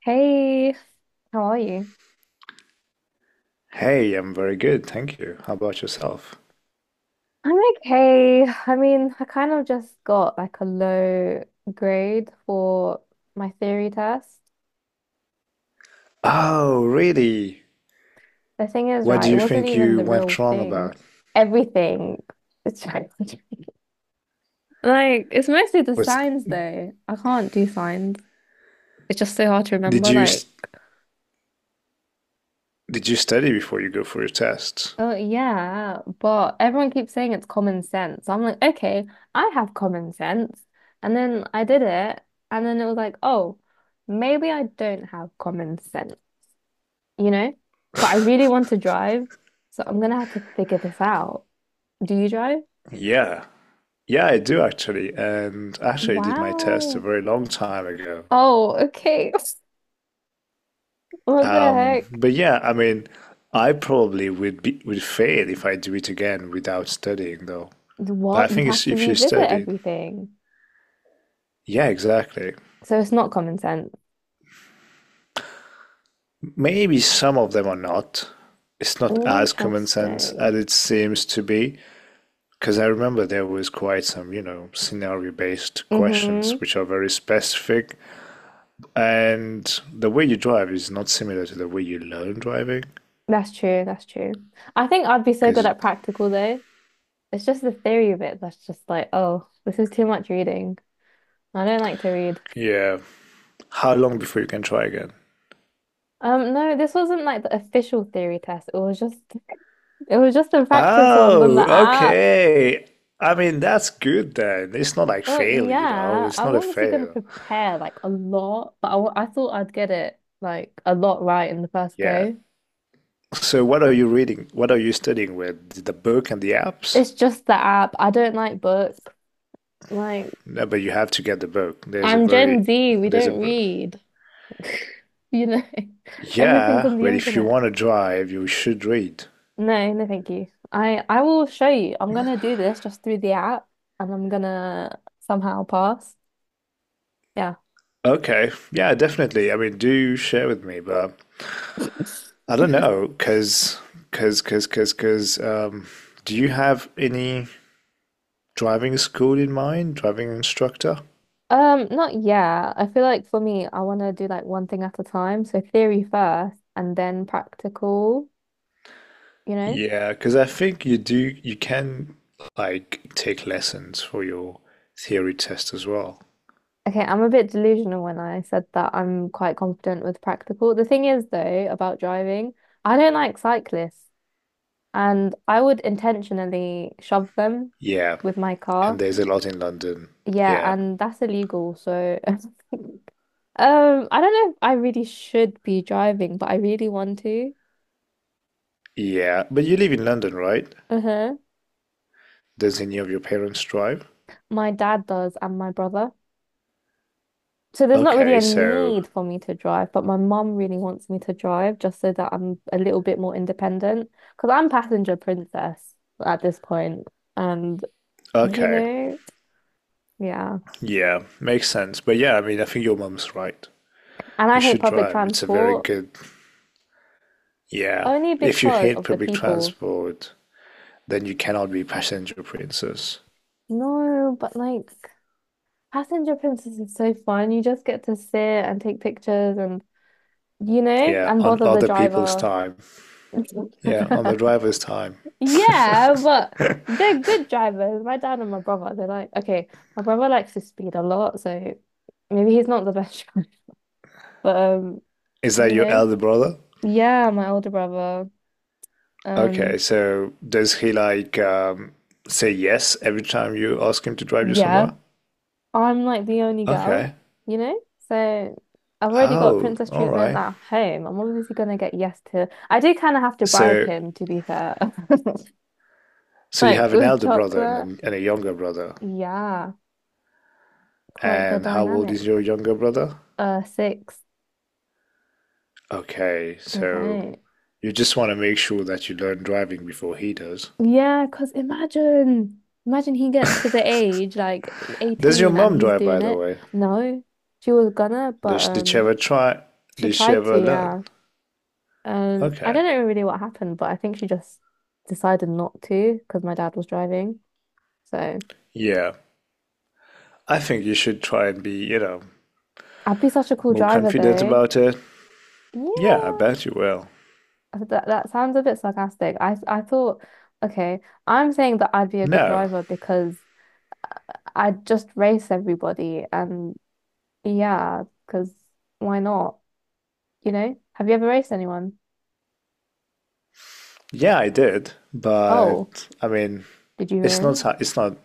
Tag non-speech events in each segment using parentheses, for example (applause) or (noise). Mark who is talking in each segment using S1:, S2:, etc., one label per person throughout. S1: Hey, how are you?
S2: Hey, I'm very good, thank you. How about yourself?
S1: I'm okay. I mean, I kind of just got like a low grade for my theory test.
S2: Oh, really?
S1: The thing is,
S2: What
S1: right,
S2: do
S1: it
S2: you
S1: wasn't
S2: think
S1: even
S2: you
S1: the real
S2: went wrong
S1: thing.
S2: about?
S1: Everything. It's (laughs) like it's mostly the
S2: Was
S1: signs though. I can't do signs. It's just so hard to
S2: did
S1: remember
S2: you s-
S1: like.
S2: did you study before you go for your test?
S1: Oh yeah, but everyone keeps saying it's common sense. So I'm like, okay, I have common sense. And then I did it, and then it was like, oh, maybe I don't have common sense, you know? But I really want to drive, so I'm gonna have to figure this out. Do you drive?
S2: Yeah. Yeah, I do actually. And actually I did my test a
S1: Wow.
S2: very long time ago.
S1: Oh, okay. (laughs) What the heck?
S2: But yeah, I mean, I probably would fail if I do it again without studying though. But I
S1: What? You'd
S2: think
S1: have
S2: it's
S1: to
S2: if you
S1: revisit
S2: study.
S1: everything.
S2: Yeah, exactly.
S1: So it's not common sense.
S2: Maybe some of them are not. It's not as common sense as
S1: Interesting.
S2: it seems to be. Because I remember there was quite some, you know, scenario based questions
S1: Mm-hmm.
S2: which are very specific. And the way you drive is not similar to the way you learn driving.
S1: That's true. That's true. I think I'd be so good
S2: Because,
S1: at practical though. It's just the theory of it that's just like, oh, this is too much reading. I don't like to read.
S2: yeah, how long before you can try again?
S1: No, this wasn't like the official theory test. It was just a practice one on
S2: Oh,
S1: the app.
S2: okay. I mean, that's good then. It's not like
S1: Oh
S2: fail, you know,
S1: yeah,
S2: it's
S1: I'm
S2: not a
S1: obviously going to
S2: fail.
S1: prepare like a lot, but I thought I'd get it like a lot right in the first
S2: Yeah.
S1: go.
S2: So, what are you reading? What are you studying with? The book and the apps?
S1: It's just the app. I don't like books. Like
S2: No, but you have to get the book.
S1: I'm Gen Z. We
S2: There's a
S1: don't
S2: book.
S1: read. (laughs) You know, everything's
S2: Yeah,
S1: on the
S2: but if you
S1: internet.
S2: want to drive, you should read.
S1: No, no, thank you. I will show you. I'm gonna do this just through the app, and I'm gonna somehow pass. Yeah.
S2: Okay. Yeah, definitely. I mean, do share with me, but I don't
S1: (laughs)
S2: know, cause, cause, cause, cause, cause. Do you have any driving school in mind? Driving instructor?
S1: Not yeah. I feel like for me, I want to do like one thing at a time. So theory first, and then practical. You know.
S2: Yeah, because I think you do. You can like take lessons for your theory test as well.
S1: Okay, I'm a bit delusional when I said that I'm quite confident with practical. The thing is, though, about driving, I don't like cyclists, and I would intentionally shove them
S2: Yeah,
S1: with my
S2: and
S1: car.
S2: there's a lot in London.
S1: Yeah,
S2: Yeah,
S1: and that's illegal. So, (laughs) I don't know if I really should be driving, but I really want to.
S2: yeah. But you live in London, right?
S1: Uh-huh.
S2: Does any of your parents drive?
S1: My dad does, and my brother. So there's not really a
S2: Okay, so
S1: need for me to drive, but my mum really wants me to drive just so that I'm a little bit more independent. Because I'm passenger princess at this point, and you
S2: okay,
S1: know, yeah.
S2: yeah, makes sense. But yeah, I mean, I think your mum's right.
S1: And I
S2: You
S1: hate
S2: should
S1: public
S2: drive. It's a very
S1: transport
S2: good. Yeah,
S1: only
S2: if you
S1: because
S2: hate
S1: of the
S2: public
S1: people.
S2: transport, then you cannot be passenger princess.
S1: No, but like Passenger Princess is so fun. You just get to sit and take pictures and, you know,
S2: Yeah,
S1: and
S2: on
S1: bother the
S2: other people's
S1: driver.
S2: time. Yeah, on the
S1: (laughs)
S2: driver's time. (laughs)
S1: Yeah, but they're good drivers. My dad and my brother, they're like, okay, my brother likes to speed a lot, so maybe he's not the best (laughs) driver. But
S2: Is that
S1: you
S2: your
S1: know,
S2: elder brother?
S1: yeah, my older brother.
S2: Okay,
S1: Um,
S2: so does he like say yes every time you ask him to drive you
S1: yeah.
S2: somewhere?
S1: I'm like the only girl,
S2: Okay.
S1: you know? So I've already got
S2: Oh,
S1: princess
S2: all
S1: treatment
S2: right.
S1: at home. I'm obviously gonna get yes to. I do kind of have to bribe
S2: So
S1: him, to be fair. (laughs)
S2: So you
S1: Like
S2: have an
S1: with
S2: elder brother and a,
S1: chocolate.
S2: and a younger brother.
S1: Yeah, quite the
S2: And how old
S1: dynamic.
S2: is your younger brother?
S1: Six.
S2: Okay, so
S1: Okay.
S2: you just want to make sure that you learn driving before he does.
S1: Yeah, because imagine he gets to the age like
S2: Does your
S1: 18 and
S2: mom
S1: he's
S2: drive, by
S1: doing
S2: the
S1: it.
S2: way?
S1: No, she was gonna,
S2: Did
S1: but
S2: she, did she ever try?
S1: she
S2: Did she
S1: tried to,
S2: ever learn?
S1: yeah. I
S2: Okay,
S1: don't know really what happened, but I think she just decided not to because my dad was driving. So
S2: yeah. I think you should try and be, you know,
S1: I'd be such a cool
S2: more
S1: driver
S2: confident
S1: though.
S2: about it. Yeah, I
S1: Yeah,
S2: bet you will.
S1: that sounds a bit sarcastic. I thought, okay, I'm saying that I'd be a good
S2: No,
S1: driver because I'd just race everybody and yeah, because why not? You know? Have you ever raced anyone?
S2: yeah, I did,
S1: Oh,
S2: but I mean,
S1: did you
S2: it's not
S1: win?
S2: it's not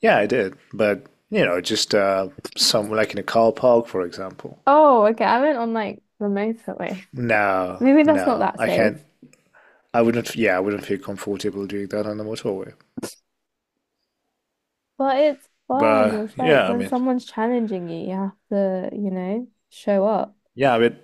S2: Yeah, I did. But, you know, just some like in a car park, for example.
S1: Oh, okay. I went on like the motorway. (laughs)
S2: No,
S1: Maybe that's not
S2: no,
S1: that
S2: I
S1: safe.
S2: can't. I wouldn't, yeah, I wouldn't feel comfortable doing that on the motorway.
S1: But it's fun.
S2: But
S1: It's like when someone's challenging you, you have to, you know, show up.
S2: yeah,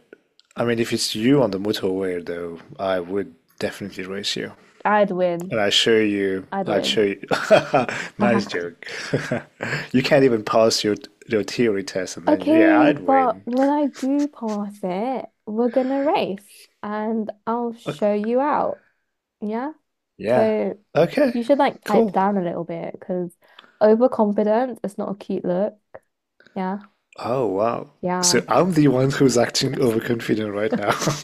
S2: I mean, if it's you on the motorway, though, I would definitely race you.
S1: I'd win.
S2: And I show you,
S1: I'd
S2: I'd show
S1: win.
S2: you. (laughs) Nice
S1: (laughs)
S2: joke. (laughs) You can't even pass your theory test, and then yeah,
S1: Okay,
S2: I'd
S1: but
S2: win.
S1: when I do pass it, we're gonna race and I'll
S2: Okay.
S1: show you out. Yeah?
S2: Yeah.
S1: So
S2: Okay.
S1: you should like pipe
S2: Cool.
S1: down a little bit because overconfidence is not a cute look. Yeah.
S2: Oh, wow.
S1: Yeah.
S2: So I'm the one who's acting overconfident right now. (laughs)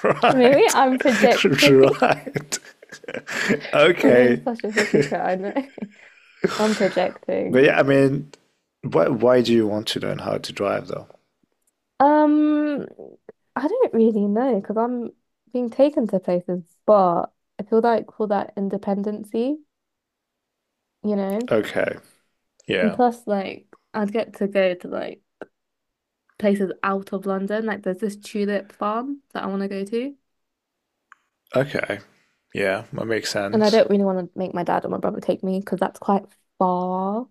S1: (laughs) Maybe
S2: Right.
S1: I'm
S2: (laughs)
S1: projecting.
S2: Right. (laughs)
S1: (laughs) I'm being
S2: Okay.
S1: such a hypocrite, I know. (laughs) I'm
S2: But
S1: projecting.
S2: yeah, I mean, why do you want to learn how to drive though?
S1: Um, I don't really know because I'm being taken to places, but I feel like for that independency, you know,
S2: Okay.
S1: and
S2: Yeah.
S1: plus like I'd get to go to like places out of London. Like there's this tulip farm that I want to go to,
S2: Okay. Yeah, that makes
S1: and I
S2: sense.
S1: don't really want to make my dad or my brother take me because that's quite far,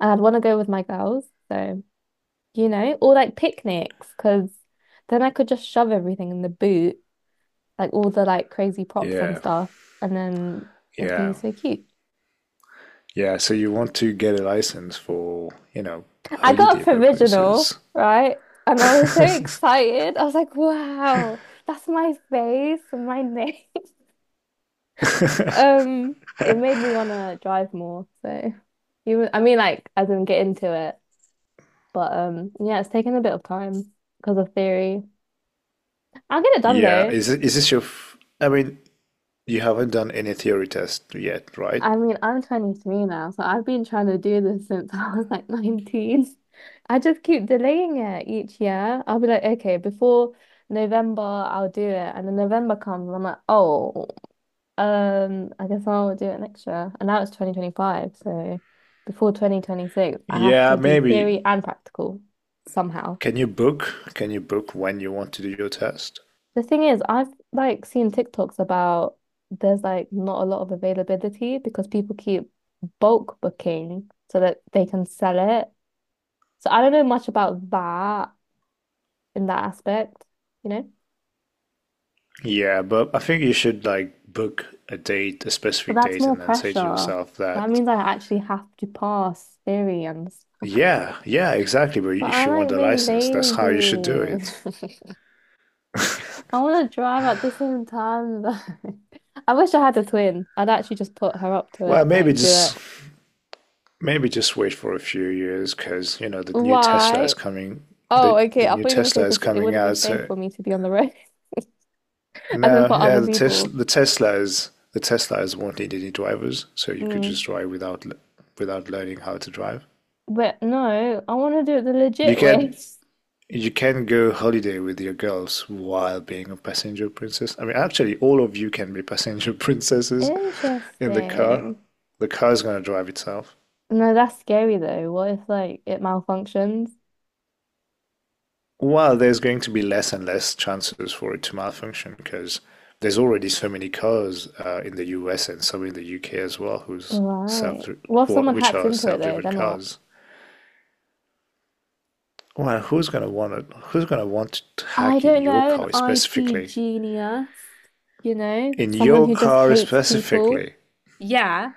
S1: and I'd want to go with my girls. So you know, or like picnics because then I could just shove everything in the boot like all the like crazy props and
S2: Yeah.
S1: stuff, and then it'd be
S2: Yeah.
S1: so cute.
S2: Yeah, so you want to get a license for, you know,
S1: I got a
S2: holiday
S1: provisional,
S2: purposes.
S1: right? And I was so
S2: (laughs)
S1: excited. I was like, wow, that's my face and my name. (laughs) Um, it made me want to drive more. So, you, I mean, like, I didn't get into it, but yeah, it's taken a bit of time because of theory. I'll get it done
S2: Yeah,
S1: though.
S2: is it, is this your f I mean, you haven't done any theory test yet, right?
S1: I mean, I'm 23 now, so I've been trying to do this since (laughs) I was like 19. I just keep delaying it each year. I'll be like, okay, before November, I'll do it. And then November comes, and I'm like, oh, I guess I'll do it next year. And now it's 2025, so before 2026, I have
S2: Yeah,
S1: to do
S2: maybe.
S1: theory and practical somehow.
S2: Can you book? Can you book when you want to do your test?
S1: The thing is, I've like seen TikToks about there's like not a lot of availability because people keep bulk booking so that they can sell it. So I don't know much about that in that aspect, you know?
S2: Yeah, but I think you should like book a date, a
S1: But
S2: specific
S1: that's
S2: date,
S1: more
S2: and then say to
S1: pressure.
S2: yourself
S1: That
S2: that,
S1: means I actually have to pass theory and s-
S2: yeah, yeah, exactly. But
S1: but
S2: if
S1: I
S2: you want
S1: like
S2: the
S1: being
S2: license, that's how you should do it.
S1: lazy. (laughs) I want to drive at the same time though. (laughs) I wish I had a twin. I'd actually just put her up to
S2: Well,
S1: it,
S2: maybe
S1: like do it.
S2: just maybe just wait for a few years because you know the new Tesla is
S1: Why?
S2: coming.
S1: Oh,
S2: The,
S1: okay.
S2: the
S1: I thought
S2: new
S1: you were gonna say
S2: Tesla is
S1: because it
S2: coming
S1: wouldn't be
S2: out.
S1: safe
S2: So
S1: for me to be on the road, (laughs) as in
S2: now,
S1: for
S2: yeah,
S1: other
S2: the tes
S1: people.
S2: the Tesla is the Teslas won't need any drivers, so you could just
S1: Mm.
S2: drive without learning how to drive.
S1: But no, I want to do it the
S2: You
S1: legit
S2: can
S1: way. (laughs)
S2: you can go holiday with your girls while being a passenger princess. I mean, actually, all of you can be passenger (laughs) princesses in the car.
S1: Interesting.
S2: The car is going to drive itself.
S1: No, that's scary though. What if like it malfunctions?
S2: Well, there's going to be less and less chances for it to malfunction because there's already so many cars in the US and some in the UK as well, self
S1: Right. What if someone
S2: which
S1: hacks
S2: are
S1: into it though?
S2: self-driven
S1: Then what?
S2: cars. Well, who's gonna want it? Who's gonna want to
S1: I
S2: hack in
S1: don't
S2: your
S1: know. An
S2: car
S1: IT
S2: specifically?
S1: genius, you know,
S2: In
S1: someone
S2: your
S1: who just
S2: car
S1: hates people.
S2: specifically?
S1: Yeah,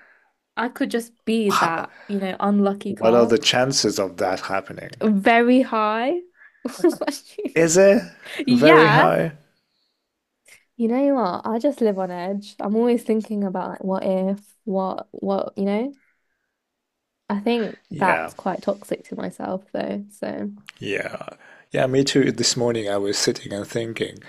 S1: I could just be that, you know, unlucky
S2: What are
S1: car.
S2: the chances of that happening?
S1: Very high. (laughs) What do you mean?
S2: Is it
S1: (laughs)
S2: very
S1: Yeah.
S2: high?
S1: You know what? I just live on edge. I'm always thinking about like what if, what, you know? I think
S2: Yeah,
S1: that's quite toxic to myself though. So
S2: yeah. Yeah, me too. This morning I was sitting and thinking,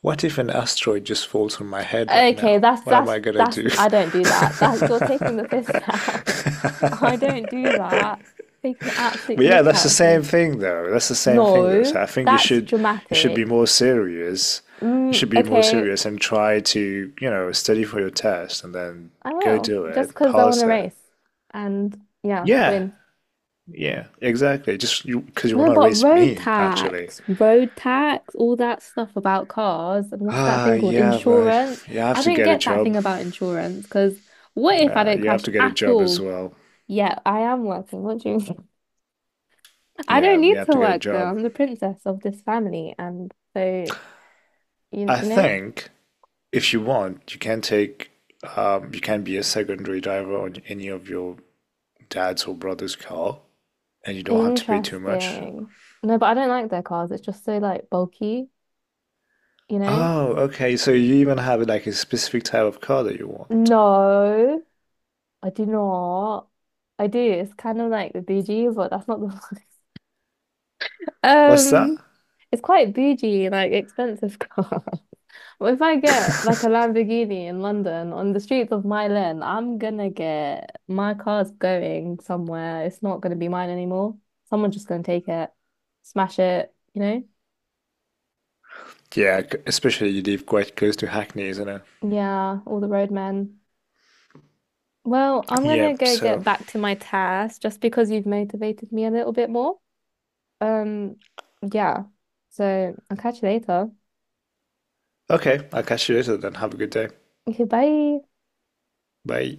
S2: what if an asteroid just falls on my head right
S1: okay,
S2: now?
S1: that's
S2: What am
S1: that's
S2: I gonna
S1: that's
S2: do?
S1: I don't do
S2: (laughs)
S1: that. That you're taking the piss now. (laughs) I don't do that. Taking the absolute
S2: But yeah,
S1: mick
S2: that's the
S1: out of
S2: same
S1: me.
S2: thing though. That's the same thing though.
S1: No,
S2: So I think you
S1: that's
S2: should be
S1: dramatic.
S2: more serious. You
S1: Mm,
S2: should be more
S1: okay,
S2: serious and try to, you know, study for your test and then
S1: I
S2: go
S1: will.
S2: do
S1: Just
S2: it,
S1: because I want to
S2: pass it.
S1: race and yeah,
S2: Yeah,
S1: win.
S2: yeah, exactly. Just you, because you want
S1: No,
S2: to
S1: but
S2: race
S1: road
S2: me, actually.
S1: tax, road tax, all that stuff about cars, and what's that
S2: Ah,
S1: thing called?
S2: yeah, but
S1: Insurance.
S2: you have
S1: I
S2: to
S1: don't
S2: get a
S1: get that thing
S2: job.
S1: about insurance because what if I don't
S2: You have
S1: crash
S2: to get a
S1: at
S2: job as
S1: all?
S2: well.
S1: Yeah, I am working, what do you mean? (laughs) I don't
S2: Yeah, you
S1: need
S2: have
S1: to
S2: to get a
S1: work though.
S2: job.
S1: I'm the princess of this family, and so
S2: I
S1: you know,
S2: think if you want, you can take, you can be a secondary driver on any of your dad's or brother's car, and you don't have to pay too much.
S1: interesting. No, but I don't like their cars. It's just so like bulky, you know?
S2: Oh, okay. So you even have like a specific type of car that you want.
S1: No, I do not. I do. It's kind of like the BG, but that's not the (laughs)
S2: What's that?
S1: Um, it's quite bougie, like expensive car. (laughs) But if I get like a Lamborghini in London on the streets of Milan, I'm gonna get my car's going somewhere. It's not gonna be mine anymore. Someone's just gonna take it, smash it, you know?
S2: Especially you live quite close to Hackney, isn't it?
S1: Yeah, all the roadmen. Well, I'm gonna
S2: Yep,
S1: go get
S2: so
S1: back to my task just because you've motivated me a little bit more. Um, yeah. So I'll catch you later.
S2: okay, I'll catch you later then. Have a good day.
S1: Okay, bye.
S2: Bye.